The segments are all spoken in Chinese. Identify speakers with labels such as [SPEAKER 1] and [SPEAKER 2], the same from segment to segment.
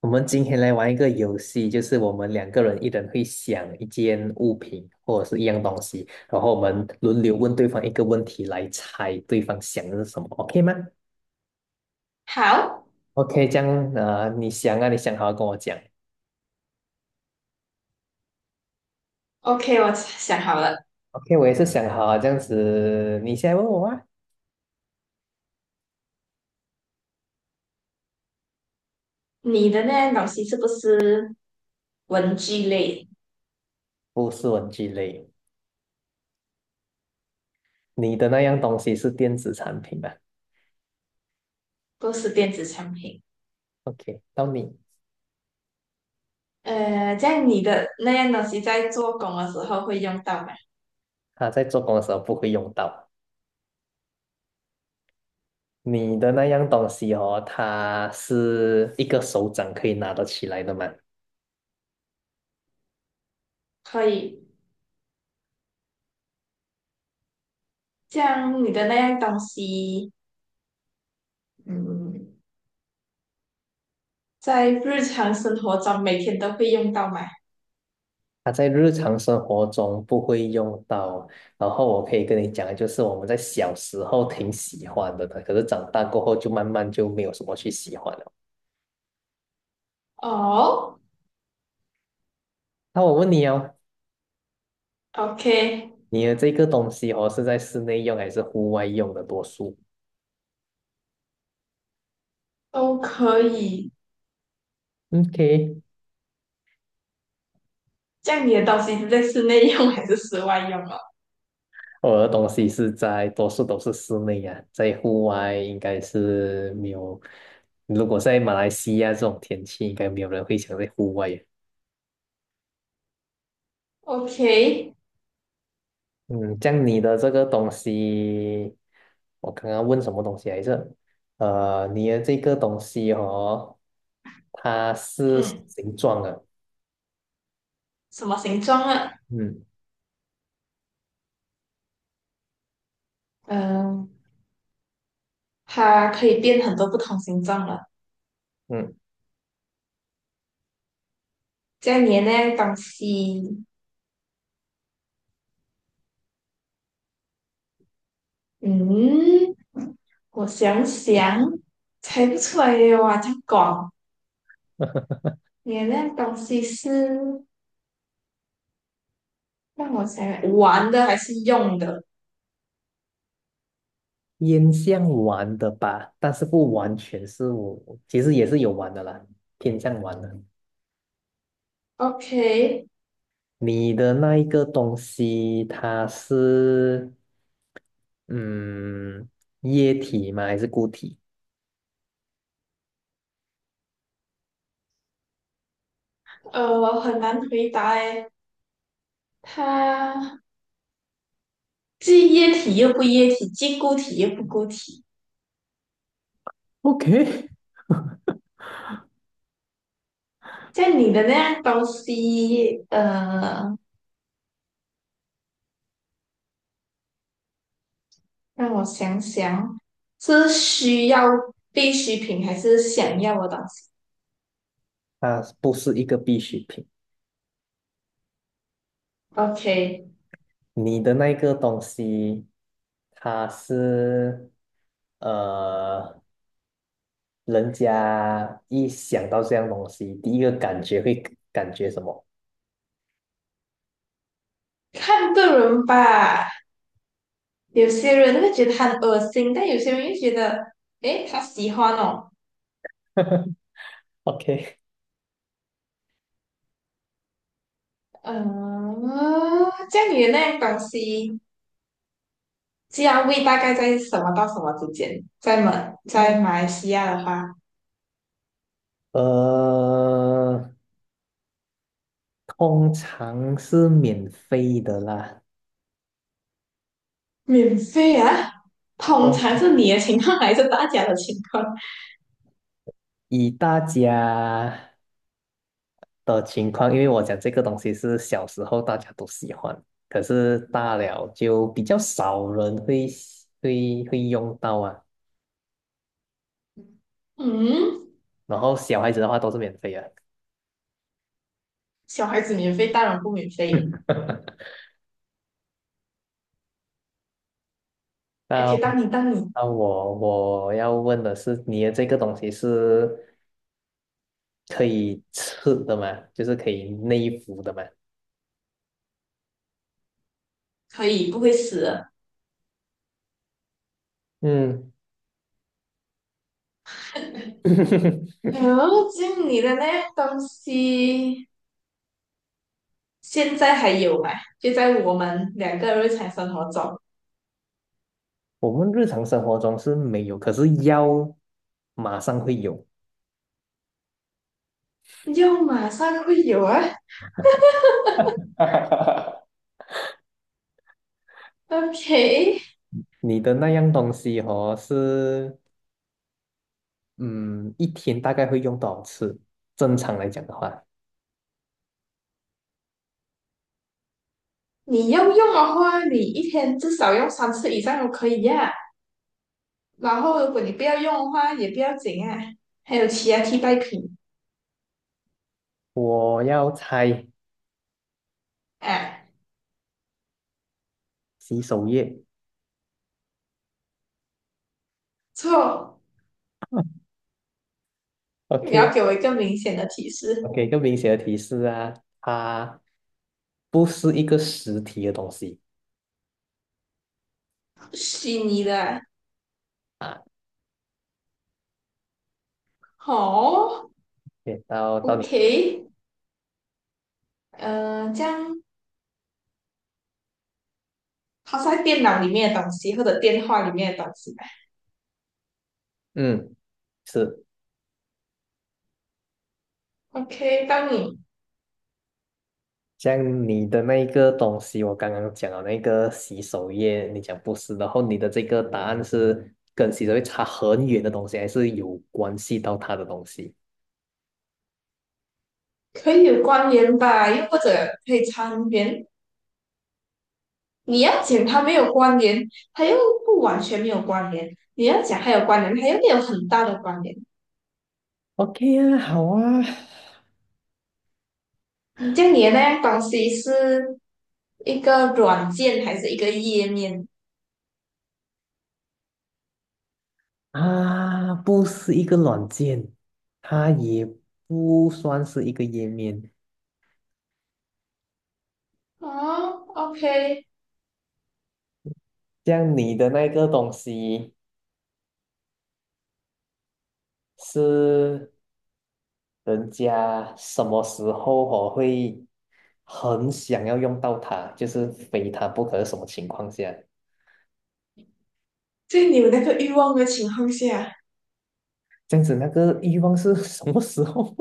[SPEAKER 1] 我们今天来玩一个游戏，就是我们两个人一人会想一件物品或者是一样东西，然后我们轮流问对方一个问题来猜对方想的是什么，OK 吗
[SPEAKER 2] 好
[SPEAKER 1] ？OK，这样你想啊，你想好跟我讲。
[SPEAKER 2] ，OK，我想好了。
[SPEAKER 1] OK，我也是想好啊，这样子，你先问我啊，
[SPEAKER 2] 你的那样东西是不是文具类，
[SPEAKER 1] 不是文具类，你的那样东西是电子产品吧
[SPEAKER 2] 不是电子产品？
[SPEAKER 1] ？OK，到你，
[SPEAKER 2] 这样你的那样东西在做工的时候会用到吗？
[SPEAKER 1] 他在做工的时候不会用到。你的那样东西哦，它是一个手掌可以拿得起来的吗？
[SPEAKER 2] 可以。这样你的那样东西，嗯，在日常生活中每天都会用到吗？
[SPEAKER 1] 它在日常生活中不会用到，然后我可以跟你讲，就是我们在小时候挺喜欢的，可是长大过后就慢慢就没有什么去喜欢了。
[SPEAKER 2] 哦
[SPEAKER 1] 那我问你哦，
[SPEAKER 2] ，OK，
[SPEAKER 1] 你的这个东西哦是在室内用还是户外用的多数
[SPEAKER 2] 都可以。
[SPEAKER 1] ？OK，
[SPEAKER 2] 这样你的东西是在室内用还是室外用哦
[SPEAKER 1] 我的东西是在多数都是室内呀、在户外应该是没有。如果在马来西亚这种天气，应该没有人会想在户外呀。
[SPEAKER 2] ？OK，
[SPEAKER 1] 嗯，像你的这个东西，我刚刚问什么东西来着？你的这个东西哦，它是什么
[SPEAKER 2] 嗯，
[SPEAKER 1] 形状的，
[SPEAKER 2] 什么形状啊？
[SPEAKER 1] 嗯
[SPEAKER 2] 嗯、它可以变很多不同形状了。
[SPEAKER 1] 嗯，
[SPEAKER 2] 这样你的那样东西，嗯，我想想，猜不出来耶哇，这样广。你的那样东西是让我想想玩的还是用的
[SPEAKER 1] 烟像玩的吧，但是不完全是我，其实也是有玩的啦，偏向玩的。
[SPEAKER 2] ？OK，
[SPEAKER 1] 你的那一个东西，它是嗯液体吗？还是固体
[SPEAKER 2] 很难回答诶，它既液体又不液体，既固体又不固体。
[SPEAKER 1] ？OK，
[SPEAKER 2] 像你的那样东西，让我想想，是需要必需品还是想要的东西？
[SPEAKER 1] 它不是一个必需品。
[SPEAKER 2] OK，
[SPEAKER 1] 你的那个东西，它是呃，人家一想到这样东西，第一个感觉会感觉什么
[SPEAKER 2] 看个人吧。有些人会觉得很恶心，但有些人又觉得，诶，他喜欢哦。
[SPEAKER 1] ？OK，
[SPEAKER 2] 嗯，这样你的那样东西，价位大概在什么到什么之间？在
[SPEAKER 1] 嗯
[SPEAKER 2] 马来西亚的话，
[SPEAKER 1] 呃，通常是免费的啦。
[SPEAKER 2] 免费啊，通常
[SPEAKER 1] 通
[SPEAKER 2] 是你的情况还是大家的情况？
[SPEAKER 1] 以大家的情况，因为我讲这个东西是小时候大家都喜欢，可是大了就比较少人会会用到啊。
[SPEAKER 2] 嗯，
[SPEAKER 1] 然后小孩子的话都是免费的。
[SPEAKER 2] 小孩子免费，大人不免费。哎，可以
[SPEAKER 1] 那
[SPEAKER 2] 当你当你
[SPEAKER 1] 那我我要问的是，你的这个东西是可以吃的吗？就是可以内服的吗？
[SPEAKER 2] 可以不会死的。
[SPEAKER 1] 嗯，
[SPEAKER 2] 哎，这样你的那样东西。现在还有嘛？就在我们两个日常生活中，
[SPEAKER 1] 我们日常生活中是没有，可是药马上会有。
[SPEAKER 2] 用马上会有啊。OK，
[SPEAKER 1] 你的那样东西哦，是嗯，一天大概会用多少次？正常来讲的话，
[SPEAKER 2] 你要用的话，你一天至少用三次以上都可以呀、啊然后如果你不要用的话，也不要紧啊。还有其他替代品
[SPEAKER 1] 我要猜
[SPEAKER 2] 啊？
[SPEAKER 1] 洗手液。
[SPEAKER 2] 错，你要
[SPEAKER 1] OK，
[SPEAKER 2] 给我一个明显的提
[SPEAKER 1] 我
[SPEAKER 2] 示。
[SPEAKER 1] 给一个明显的提示啊，它不是一个实体的东西
[SPEAKER 2] 虚拟的
[SPEAKER 1] 啊。
[SPEAKER 2] 好。
[SPEAKER 1] 对，到
[SPEAKER 2] o
[SPEAKER 1] 你，
[SPEAKER 2] k 这样它在电脑里面的东西或者电话里面的东西吧
[SPEAKER 1] 嗯，是。
[SPEAKER 2] ？OK，当你。
[SPEAKER 1] 像你的那一个东西，我刚刚讲了那个洗手液，你讲不是，然后你的这个答案是跟洗手液差很远的东西，还是有关系到它的东西
[SPEAKER 2] 可以有关联吧，又或者可以参联。你要讲它没有关联，它又不完全没有关联；你要讲它有关联，它又没有很大的关联。
[SPEAKER 1] ？OK 啊，好啊，
[SPEAKER 2] 嗯，像你的那样东西是一个软件还是一个页面？
[SPEAKER 1] 啊，不是一个软件，它也不算是一个页面。
[SPEAKER 2] 啊，OK，
[SPEAKER 1] 像你的那个东西是人家什么时候我会很想要用到它，就是非它不可，什么情况下？
[SPEAKER 2] 在你有那个欲望的情况下，
[SPEAKER 1] 这样子那个欲望是什么时候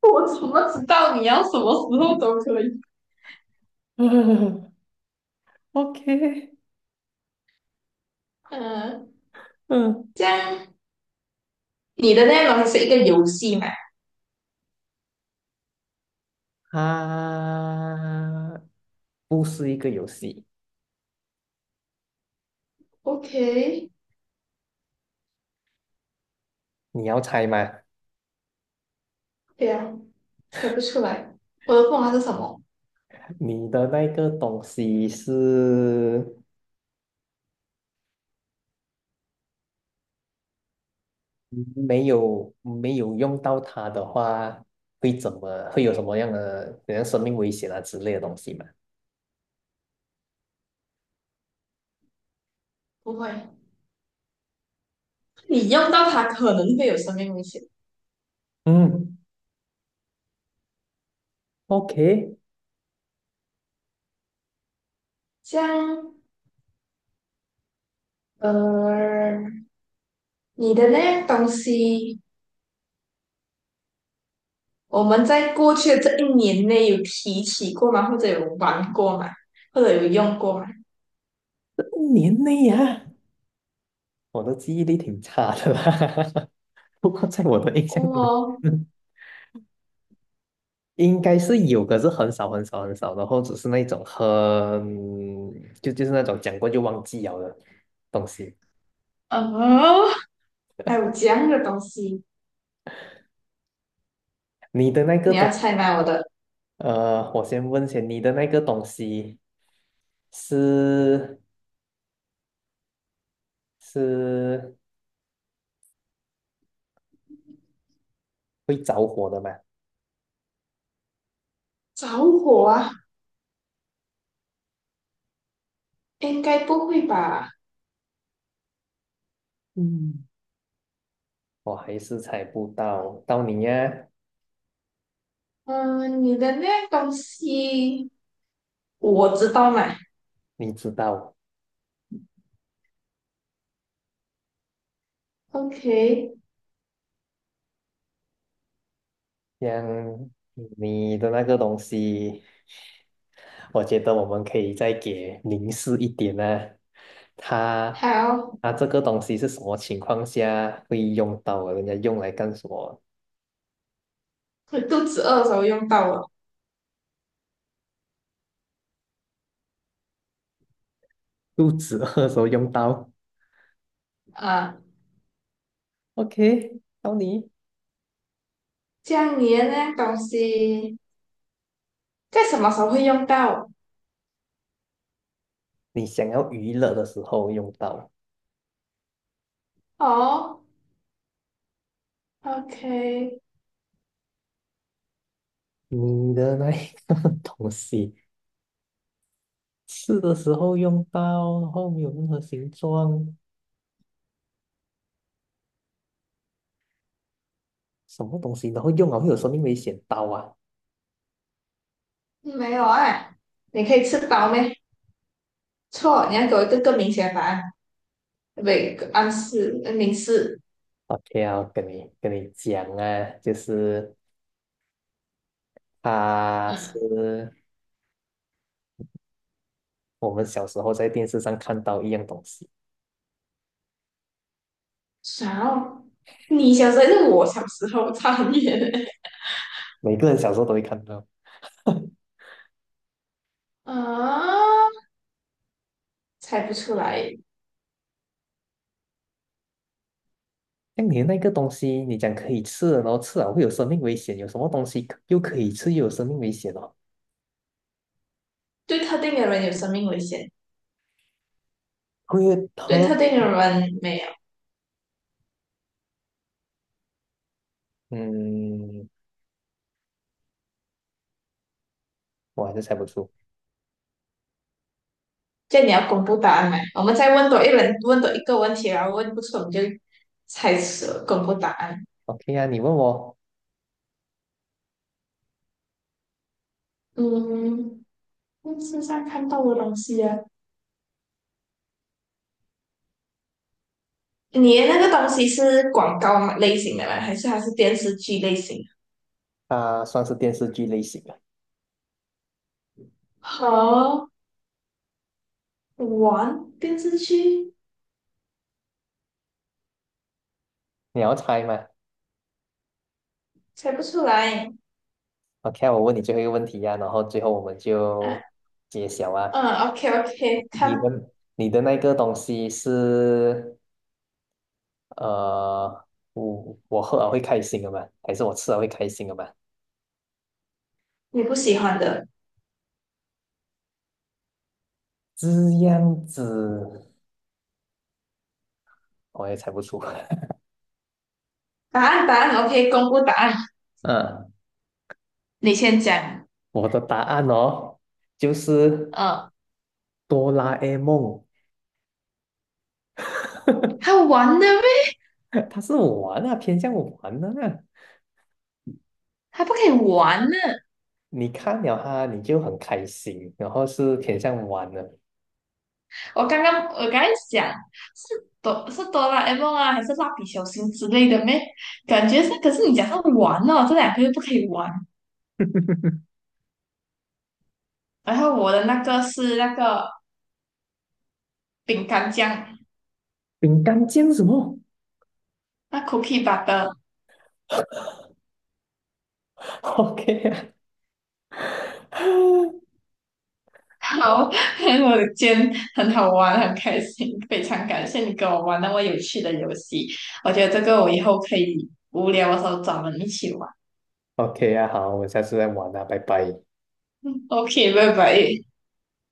[SPEAKER 2] 我怎么知道你要什么时候都可以？
[SPEAKER 1] 嗯？OK，
[SPEAKER 2] 嗯，
[SPEAKER 1] 嗯，
[SPEAKER 2] 这样你的内容东是一个游戏嘛？
[SPEAKER 1] 它不是一个游戏，
[SPEAKER 2] ，OK，
[SPEAKER 1] 你要猜吗？
[SPEAKER 2] 对啊，猜不出来。我的凤凰是什么？
[SPEAKER 1] 你的那个东西是没有用到它的话，会怎么会有什么样的，比如生命危险啊之类的东西吗？
[SPEAKER 2] 不会，你用到它可能会有生命危险。
[SPEAKER 1] 嗯，OK，
[SPEAKER 2] 像呃，你的那样东西，我们在过去的这一年内有提起过吗？或者有玩过吗？或者有用过吗？
[SPEAKER 1] 一年内呀、我的记忆力挺差的啦。不过在我的印象中，
[SPEAKER 2] 哦，
[SPEAKER 1] 嗯应该是有，可是很少很少很少，然后只是那种很就是那种讲过就忘记了的东西。
[SPEAKER 2] 哦，还有这样的东西，
[SPEAKER 1] 你的那个
[SPEAKER 2] 你要
[SPEAKER 1] 东，
[SPEAKER 2] 猜吗？我的
[SPEAKER 1] 我先问下你的那个东西是是会着火的吗？
[SPEAKER 2] 着火啊，应该不会吧？
[SPEAKER 1] 嗯，我还是猜不到，到你呀，
[SPEAKER 2] 嗯，你的那样东西我知道嘛。
[SPEAKER 1] 你知道。
[SPEAKER 2] OK，
[SPEAKER 1] 像你的那个东西，我觉得我们可以再给凝视一点呢、它
[SPEAKER 2] 好，
[SPEAKER 1] 它这个东西是什么情况下会用到啊？人家用来干什么？
[SPEAKER 2] 我肚子饿的时候用到了
[SPEAKER 1] 肚子饿的时候用到。
[SPEAKER 2] 啊。
[SPEAKER 1] OK，到你，
[SPEAKER 2] 这样你的那东西在什么时候会用到？
[SPEAKER 1] 你想要娱乐的时候用到。
[SPEAKER 2] 哦，OK，
[SPEAKER 1] 你的那一个 东西，吃的时候用到，然后没有任何形状，什么东西，然后用了会有生命危险，刀啊！
[SPEAKER 2] 没有啊，你可以吃饱没？错，你要给我一个更明显的答案。不，一个暗示，明示。
[SPEAKER 1] OK，要跟你讲啊，就是它
[SPEAKER 2] 嗯，
[SPEAKER 1] 是我们小时候在电视上看到一样东西，
[SPEAKER 2] 啥哦？你小时候还是我小时候，差很远欸
[SPEAKER 1] 每个人小时候都会看到。
[SPEAKER 2] 啊，猜不出来。
[SPEAKER 1] 像你的那个东西，你讲可以吃的，然后吃了会有生命危险，有什么东西可可以吃又有生命危险哦？
[SPEAKER 2] 对特定的人有生命危险，
[SPEAKER 1] 会
[SPEAKER 2] 对特
[SPEAKER 1] 喝？
[SPEAKER 2] 定的人没有。
[SPEAKER 1] 嗯，我还是猜不出。
[SPEAKER 2] 这样你要公布答案吗？我们再问多一轮，问多一个问题，然后问不出我们就猜测公布答案。
[SPEAKER 1] OK 啊，你问我，
[SPEAKER 2] 嗯，电视上看到的东西啊，你的那个东西是广告类型的吗？还是电视剧类型
[SPEAKER 1] 啊，算是电视剧类型的，
[SPEAKER 2] 好玩电视剧，
[SPEAKER 1] 你要猜吗
[SPEAKER 2] 猜不出来。
[SPEAKER 1] ？OK，啊我问你最后一个问题呀、然后最后我们就
[SPEAKER 2] 啊
[SPEAKER 1] 揭晓啊。
[SPEAKER 2] 嗯，OK OK，
[SPEAKER 1] 你
[SPEAKER 2] 看
[SPEAKER 1] 的你的那个东西是呃，我喝了会开心的吗？还是我吃了会开心的吗？
[SPEAKER 2] 你不喜欢的
[SPEAKER 1] 这样子我也猜不出。
[SPEAKER 2] 答案，答案 OK，公布答案。
[SPEAKER 1] 嗯，
[SPEAKER 2] 你先讲。
[SPEAKER 1] 我的答案哦，就是
[SPEAKER 2] 嗯，
[SPEAKER 1] 哆啦 A 梦，
[SPEAKER 2] 还玩的咩？
[SPEAKER 1] 它是玩啊，偏向玩的啊。
[SPEAKER 2] 还不可以玩呢。
[SPEAKER 1] 你看了它，你就很开心，然后是偏向玩的。
[SPEAKER 2] 我刚才想是哆啦 A 梦啊，还是蜡笔小新之类的咩？感觉是，可是你讲是玩哦，这两个又不可以玩。然后我的那个是那个饼干酱，
[SPEAKER 1] 饼干酱什么
[SPEAKER 2] 那 cookie butter，
[SPEAKER 1] ？OK 啊
[SPEAKER 2] 好，我的今天，很好玩，很开心，非常感谢你跟我玩那么有趣的游戏，我觉得这个我以后可以无聊的时候找人一起玩。
[SPEAKER 1] ，OK 啊，好，我们下次再玩啊，拜拜。
[SPEAKER 2] 嗯 OK，拜拜。